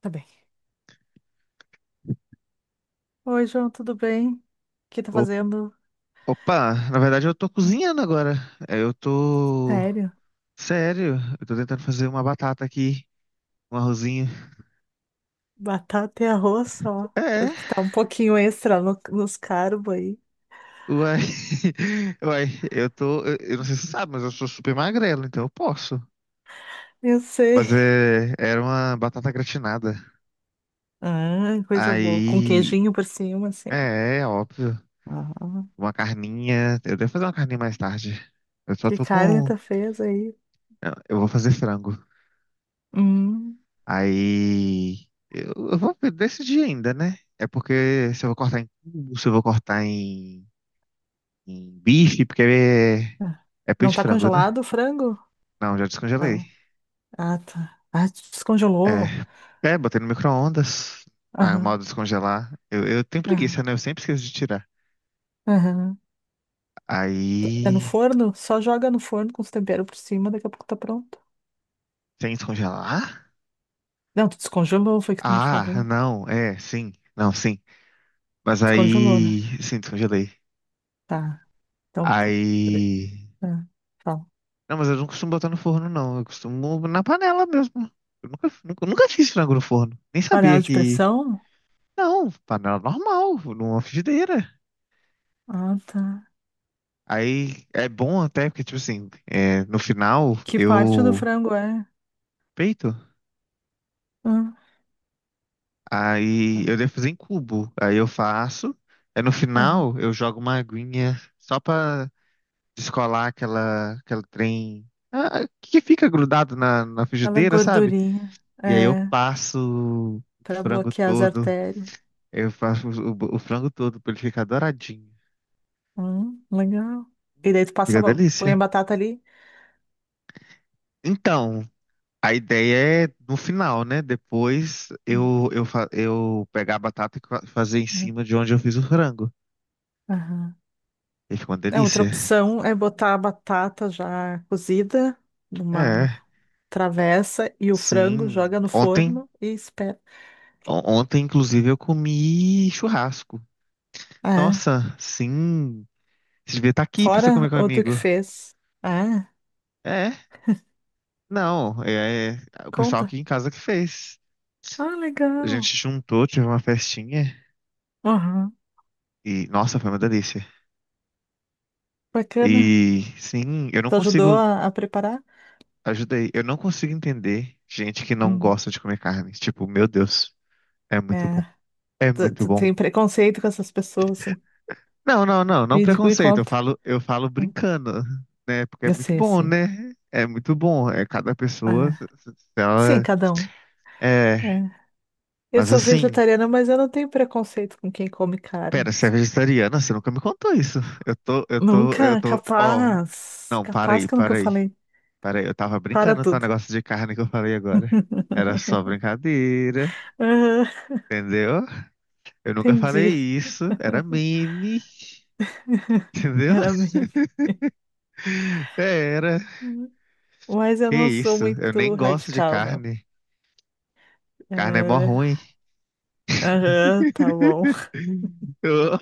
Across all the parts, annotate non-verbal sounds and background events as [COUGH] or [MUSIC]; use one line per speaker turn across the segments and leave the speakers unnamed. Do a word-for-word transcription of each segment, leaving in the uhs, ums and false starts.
Tá bem. Oi, João, tudo bem? O que tá
O-
fazendo?
Opa, na verdade eu tô cozinhando agora. É, eu tô.
Sério?
Sério, eu tô tentando fazer uma batata aqui, um arrozinho.
Batata e arroz só.
É,
Acho que tá um pouquinho extra no- nos carbos aí.
uai. [LAUGHS] Uai, eu tô. Eu, eu não sei se você sabe, mas eu sou super magrelo, então eu posso.
Eu sei.
Mas é, era uma batata gratinada.
Ah, coisa boa. Com
Aí.
queijinho por cima, assim.
É, é óbvio.
Ah,
Uma carninha. Eu devo fazer uma carninha mais tarde. Eu só
que
tô
carne
com.
tu fez aí?
Eu eu vou fazer frango.
Hum.
Aí eu, eu vou decidir ainda, né? É porque se eu vou cortar em cubo, se eu vou cortar em, em bife, porque é,
Ah,
é peito
não
de
tá
frango, né?
congelado o frango?
Não, já descongelei.
Não. Ah, tá. Ah, descongelou.
É, é, botei no micro-ondas. Ah, é o mal
Aham,
de descongelar. Eu, eu tenho
aham,
preguiça, né? Eu sempre esqueço de tirar.
aham. É no
Aí,
forno? Só joga no forno com os temperos por cima, daqui a pouco tá pronto.
sem descongelar?
Não, tu descongelou, foi o que tu me
Ah,
falou.
não, é, sim. Não, sim. Mas
Descongelou, né?
aí, sim, descongelei.
Tá. Então, pu- pre-
Aí.
ah, fala.
Não, mas eu não costumo botar no forno, não. Eu costumo na panela mesmo. Eu nunca, nunca, nunca fiz frango no forno. Nem
Panela
sabia
de
que.
pressão?
Não, panela normal, numa frigideira.
Ah, tá.
Aí é bom até, porque, tipo assim, é, no final
Que parte do
eu
frango é?
peito.
Ah,
Aí
tá.
eu devo fazer em cubo. Aí eu faço. Aí no
Aham.
final eu jogo uma aguinha só pra descolar aquela, aquela trem. ah, Que fica grudado na, na
Aquela
frigideira, sabe?
gordurinha.
E aí eu
É,
passo o
pra
frango
bloquear as
todo.
artérias.
Eu faço o, o frango todo pra ele ficar douradinho.
Hum, legal. E daí tu passa,
Fica
a ba- põe a
delícia.
batata ali.
Então, a ideia é no final, né? Depois
Hum,
eu, eu, fa- eu pegar a batata e fa- fazer em
hum,
cima de onde eu fiz o frango.
aham.
E fica uma
É, outra
delícia.
opção é botar a batata já cozida numa
É,
travessa e o frango
sim.
joga no
Ontem,
forno e espera.
on- ontem, inclusive, eu comi churrasco.
Ah,
Nossa, sim. Você devia estar aqui pra você comer
fora ou tu que
comigo.
fez? Ah,
É, não. É, é o pessoal
conta.
aqui em casa que fez.
Ah,
A
legal.
gente juntou, tive uma festinha.
Aham,
E, nossa, foi uma delícia.
bacana.
E sim, eu não
Tu ajudou
consigo.
a, a preparar?
Ajudei. Eu não consigo entender gente que não
Hum.
gosta de comer carne. Tipo, meu Deus, é muito
É,
bom. É
tu,
muito
tu
bom.
tem preconceito com essas pessoas, assim.
Não, não, não, não
Me, diga- me
preconceito. Eu
conta.
falo, eu falo
Hum,
brincando, né? Porque é
Eu
muito
sei, eu
bom,
sei.
né? É muito bom. É cada pessoa, se-
É.
se- se
Sim,
ela
cada um.
é.
É. Eu
Mas
sou
assim,
vegetariana, mas eu não tenho preconceito com quem come carne.
pera, você é vegetariana? Você nunca me contou isso. Eu tô, eu tô, eu
Nunca,
tô. Ó,
capaz.
não, para
Capaz
aí,
que eu nunca
para aí,
falei.
para aí. Eu tava
Para
brincando, tá? O
tudo.
negócio de carne que eu falei agora. Era só brincadeira.
Aham,
Entendeu? Eu nunca falei
entendi.
isso. Era meme.
[LAUGHS]
Entendeu?
Era meme.
[LAUGHS] É, era.
Hum. Mas eu
Que
não sou
isso? Eu
muito
nem gosto de
radical, não.
carne. Carne é mó
É,
ruim.
aham, tá bom.
[LAUGHS] Eu-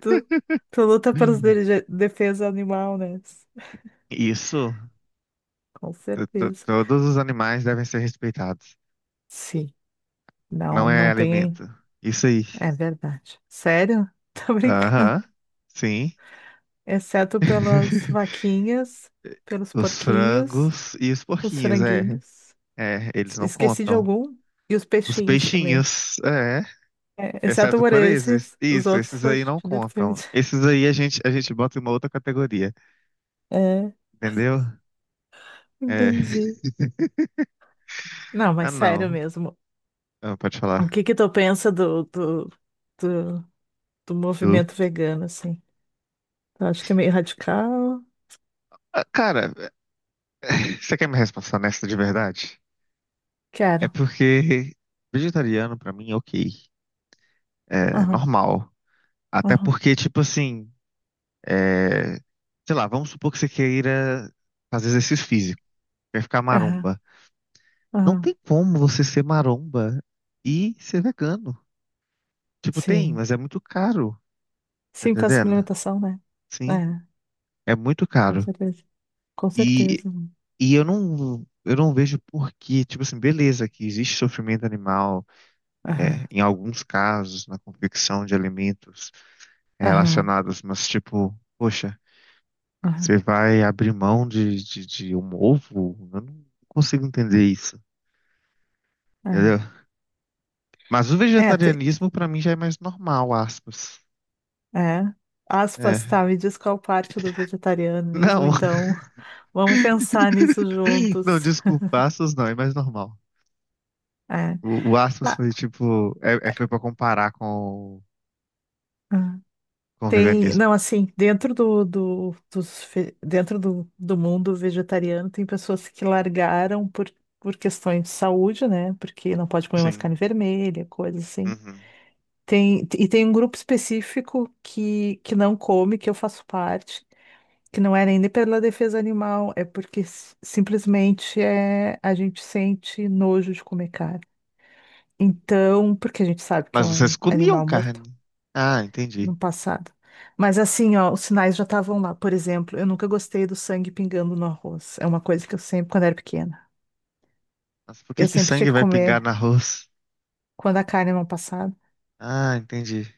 Tu, tu luta pelos de- defesa animal, né?
Isso.
Com
To- to-
certeza.
Todos os animais devem ser respeitados.
Sim, não,
Não é
não tem.
alimento. Isso aí.
É verdade. Sério? [LAUGHS] Tô brincando.
Aham. Sim.
Exceto pelas
[LAUGHS]
vaquinhas, pelos
Os
porquinhos,
frangos e os
os
porquinhos, é.
franguinhos.
É, eles não
Esqueci de
contam.
algum? E os
Os
peixinhos também.
peixinhos, é.
É, exceto
Exceto
por
por esses.
esses, os
Isso,
outros
esses
a
aí
gente
não contam.
defende. [LAUGHS]
Esses aí a gente, a gente bota em uma outra categoria,
É,
entendeu? É.
entendi.
[LAUGHS]
Não,
Ah,
mas sério
não.
mesmo.
Ah, pode
O
falar.
que que tu pensa do, do, do, do
Du.
movimento vegano, assim? Eu acho que é meio radical.
Ah, cara, [LAUGHS] você quer me resposta nessa de verdade? É
Quero.
porque vegetariano pra mim é ok. É
Aham,
normal. Até
aham,
porque, tipo assim, é... sei lá, vamos supor que você queira fazer exercício físico, quer ficar
aham,
maromba. Não
aham.
tem como você ser maromba e ser vegano. Tipo, tem,
Sim.
mas é muito caro. Tá
Sim, por causa da
entendendo?
suplementação, né?
Sim,
É,
é muito
com
caro.
certeza. Com
E,
certeza.
e eu não, eu não vejo por que, tipo assim, beleza, que existe sofrimento animal, é,
Aham,
em alguns casos, na confecção de alimentos
aham,
relacionados, mas tipo, poxa,
aham.
você vai abrir mão de, de, de um ovo? Eu não consigo entender isso, entendeu? Mas o
É, é, tem,
vegetarianismo, pra mim, já é mais normal, aspas.
é. Aspas,
É.
tá, me diz qual parte do vegetarianismo,
Não,
então. [LAUGHS] Vamos pensar nisso
[LAUGHS] não,
juntos.
desculpa, aspas não, é mais normal.
É.
O, o Asmus
Tá.
foi tipo. É, é- foi pra comparar com, o- com o
Tem,
veganismo.
não, assim, dentro do, do, dos, fe- dentro do, do mundo vegetariano, tem pessoas que largaram por, por questões de saúde, né? Porque não pode comer mais carne
Sim.
vermelha, coisas assim.
Uhum.
Tem, e tem um grupo específico que, que não come, que eu faço parte, que não é nem pela defesa animal, é porque s- simplesmente é, a gente sente nojo de comer carne. Então, porque a gente sabe que é
Mas
um
vocês comiam
animal mortal
carne. Ah, entendi.
no passado. Mas assim, ó, os sinais já estavam lá. Por exemplo, eu nunca gostei do sangue pingando no arroz. É uma coisa que eu sempre, quando era pequena,
Mas por que
eu
que
sempre tinha
sangue
que
vai pingar
comer
no arroz?
quando a carne não passava.
Ah, entendi.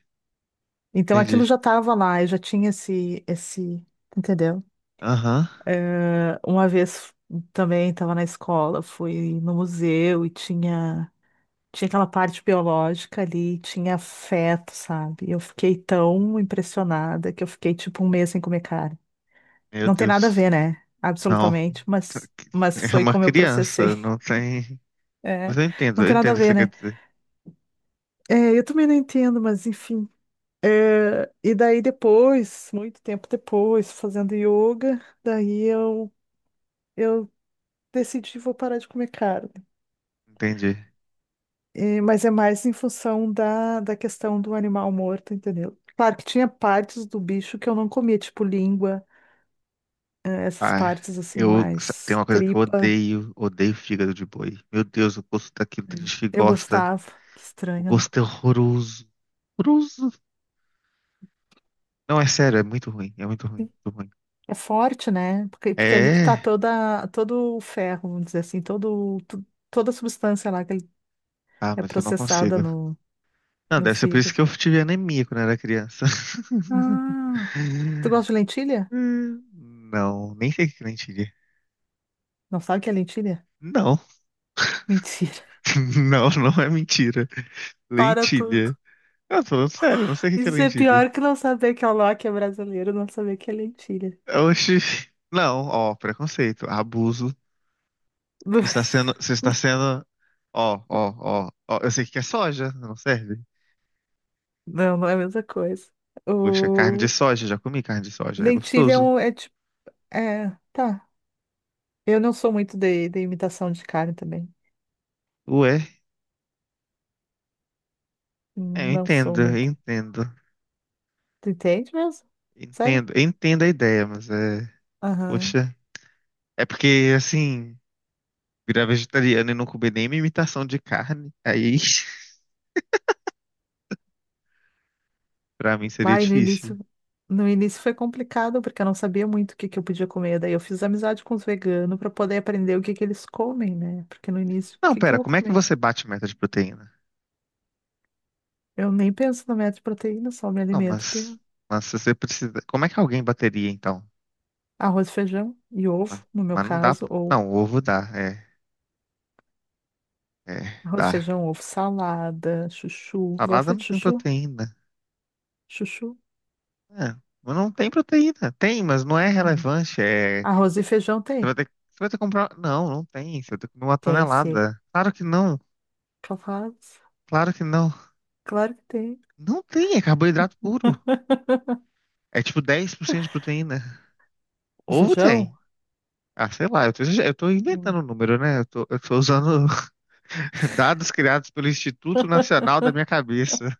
Então aquilo
Entendi.
já estava lá, eu já tinha esse, esse, entendeu?
Aham.
Eh, uma vez também estava na escola, fui no museu e tinha tinha aquela parte biológica ali, tinha feto, sabe? Eu fiquei
Uhum.
tão impressionada que eu fiquei tipo um mês sem comer carne.
Meu
Não tem nada a
Deus.
ver, né?
Não.
Absolutamente, mas, mas
É
foi
uma
como eu processei.
criança, não
[LAUGHS]
tem. Mas
É,
eu entendo,
não
eu
tem nada a
entendo o que você
ver,
quer
né?
dizer.
É, eu também não entendo, mas enfim. É, e daí depois, muito tempo depois, fazendo yoga, daí eu, eu decidi vou parar de comer carne.
Entendi.
É, mas é mais em função da, da questão do animal morto, entendeu? Claro que tinha partes do bicho que eu não comia, tipo língua, é, essas
Ah,
partes assim,
eu. Tem
mais
uma coisa que eu
tripa.
odeio, odeio fígado de boi. Meu Deus, o gosto daquilo, tem gente que
Eu
gosta.
gostava. Que
O
estranho, né?
gosto é horroroso. Horroroso. Não, é sério, é muito ruim. É muito ruim. Muito ruim.
É forte, né? Porque, porque é ali que tá
É.
toda, todo o ferro, vamos dizer assim, todo, tu- toda a substância lá que ele-
Ah,
é
mas eu não
processada
consigo.
no,
Não,
no
deve ser por isso que
fígado.
eu tive anemia quando era criança.
Ah, tu
[LAUGHS]
gosta de lentilha?
Hum, não, nem sei o que é lentilha.
Não sabe o que é lentilha?
Não,
Mentira. [LAUGHS]
[LAUGHS] não, não é mentira.
Para tudo.
Lentilha. Eu tô falando sério, eu não sei o que é
Isso é
lentilha.
pior que não saber que é o Loki é brasileiro, não saber que é lentilha.
Oxi. Não, ó, preconceito, abuso. Você está
[LAUGHS]
sendo, você está sendo, ó, ó, ó, ó, eu sei que é soja, não serve.
Não, não é a mesma coisa.
Poxa, carne de
O...
soja, já comi carne de soja, é
Lentilha é,
gostoso.
um, é tipo. É, tá. Eu não sou muito de, de imitação de carne também.
Ué, é, eu
Não sou
entendo, eu
muito.
entendo,
Tu entende mesmo? Sério?
entendo, eu entendo a ideia, mas é,
Aham.
poxa, é porque assim, virar vegetariano e não comer nenhuma imitação de carne, aí [LAUGHS] pra mim seria
Lá e no
difícil.
início, no início foi complicado, porque eu não sabia muito o que que eu podia comer. Daí eu fiz amizade com os veganos para poder aprender o que que eles comem, né? Porque no início, o
Não,
que que eu
pera,
vou
como é que
comer?
você bate meta de proteína?
Eu nem penso na meta de proteína, só me
Não,
alimento de
mas, mas se você precisa, como é que alguém bateria então?
arroz, feijão e
Mas,
ovo, no meu
mas não dá,
caso, ou
não, ovo dá, é, é,
arroz,
dá.
feijão, ovo, salada, chuchu.
Salada
Gosta
não
de
tem
chuchu?
proteína.
Chuchu?
É, mas não tem proteína. Tem, mas não é
Não.
relevante. É,
Arroz e feijão
Você vai
tem?
ter que, você vai ter que comprar. Não, não tem. Você vai ter que comer uma
Tem, sim.
tonelada. Claro que não.
Capaz?
Claro que não.
Claro que tem.
Não tem, é carboidrato puro.
[LAUGHS]
É tipo dez por cento de proteína.
O
Ovo tem.
feijão?
Ah, sei lá, eu tô, exager- eu tô
Hum.
inventando o número, né? Eu tô, eu tô usando [LAUGHS] dados criados pelo Instituto Nacional da minha cabeça.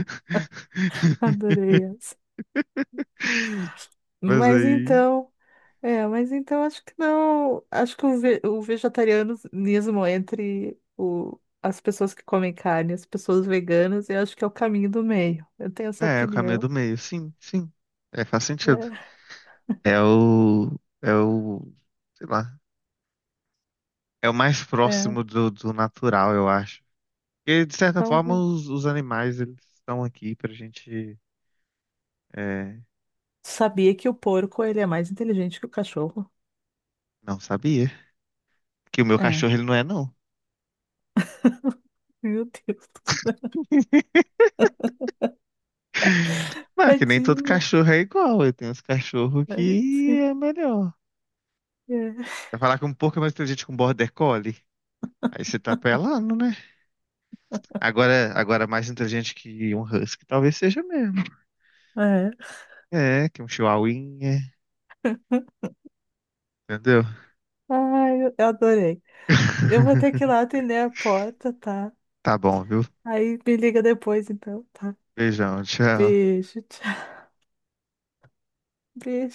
[LAUGHS]
Adorei. Essa.
Mas
Mas
aí.
então, é, mas então acho que não, acho que o, ve- o vegetarianismo entre o, as pessoas que comem carne, as pessoas veganas, eu acho que é o caminho do meio. Eu tenho essa
É, é o caminho
opinião.
do meio. Sim, sim. É, faz sentido. É o. É o. Sei lá. É o mais
É, é,
próximo do, do natural, eu acho. Porque, de certa forma,
talvez.
os, os animais, eles estão aqui pra gente... é,
Sabia que o porco ele é mais inteligente que o cachorro?
não sabia. Que o meu
É.
cachorro, ele não é, não.
[LAUGHS] Meu Deus do céu,
[LAUGHS] Mas que nem todo
tadinha.
cachorro é igual. Eu tenho uns cachorros
É,
que
sim,
é melhor.
é.
Vai falar que um pouco é mais inteligente com um border collie. Aí você tá apelando, né? Agora, agora mais inteligente que um husky, talvez seja mesmo.
É.
É, que um chihuahuinha, entendeu?
Ai, eu eu adorei. Eu vou ter que ir lá
[LAUGHS]
atender a porta, tá?
Tá bom, viu?
Aí me liga depois, então, tá?
Beijão, tchau.
Beijo, tchau. Beijo.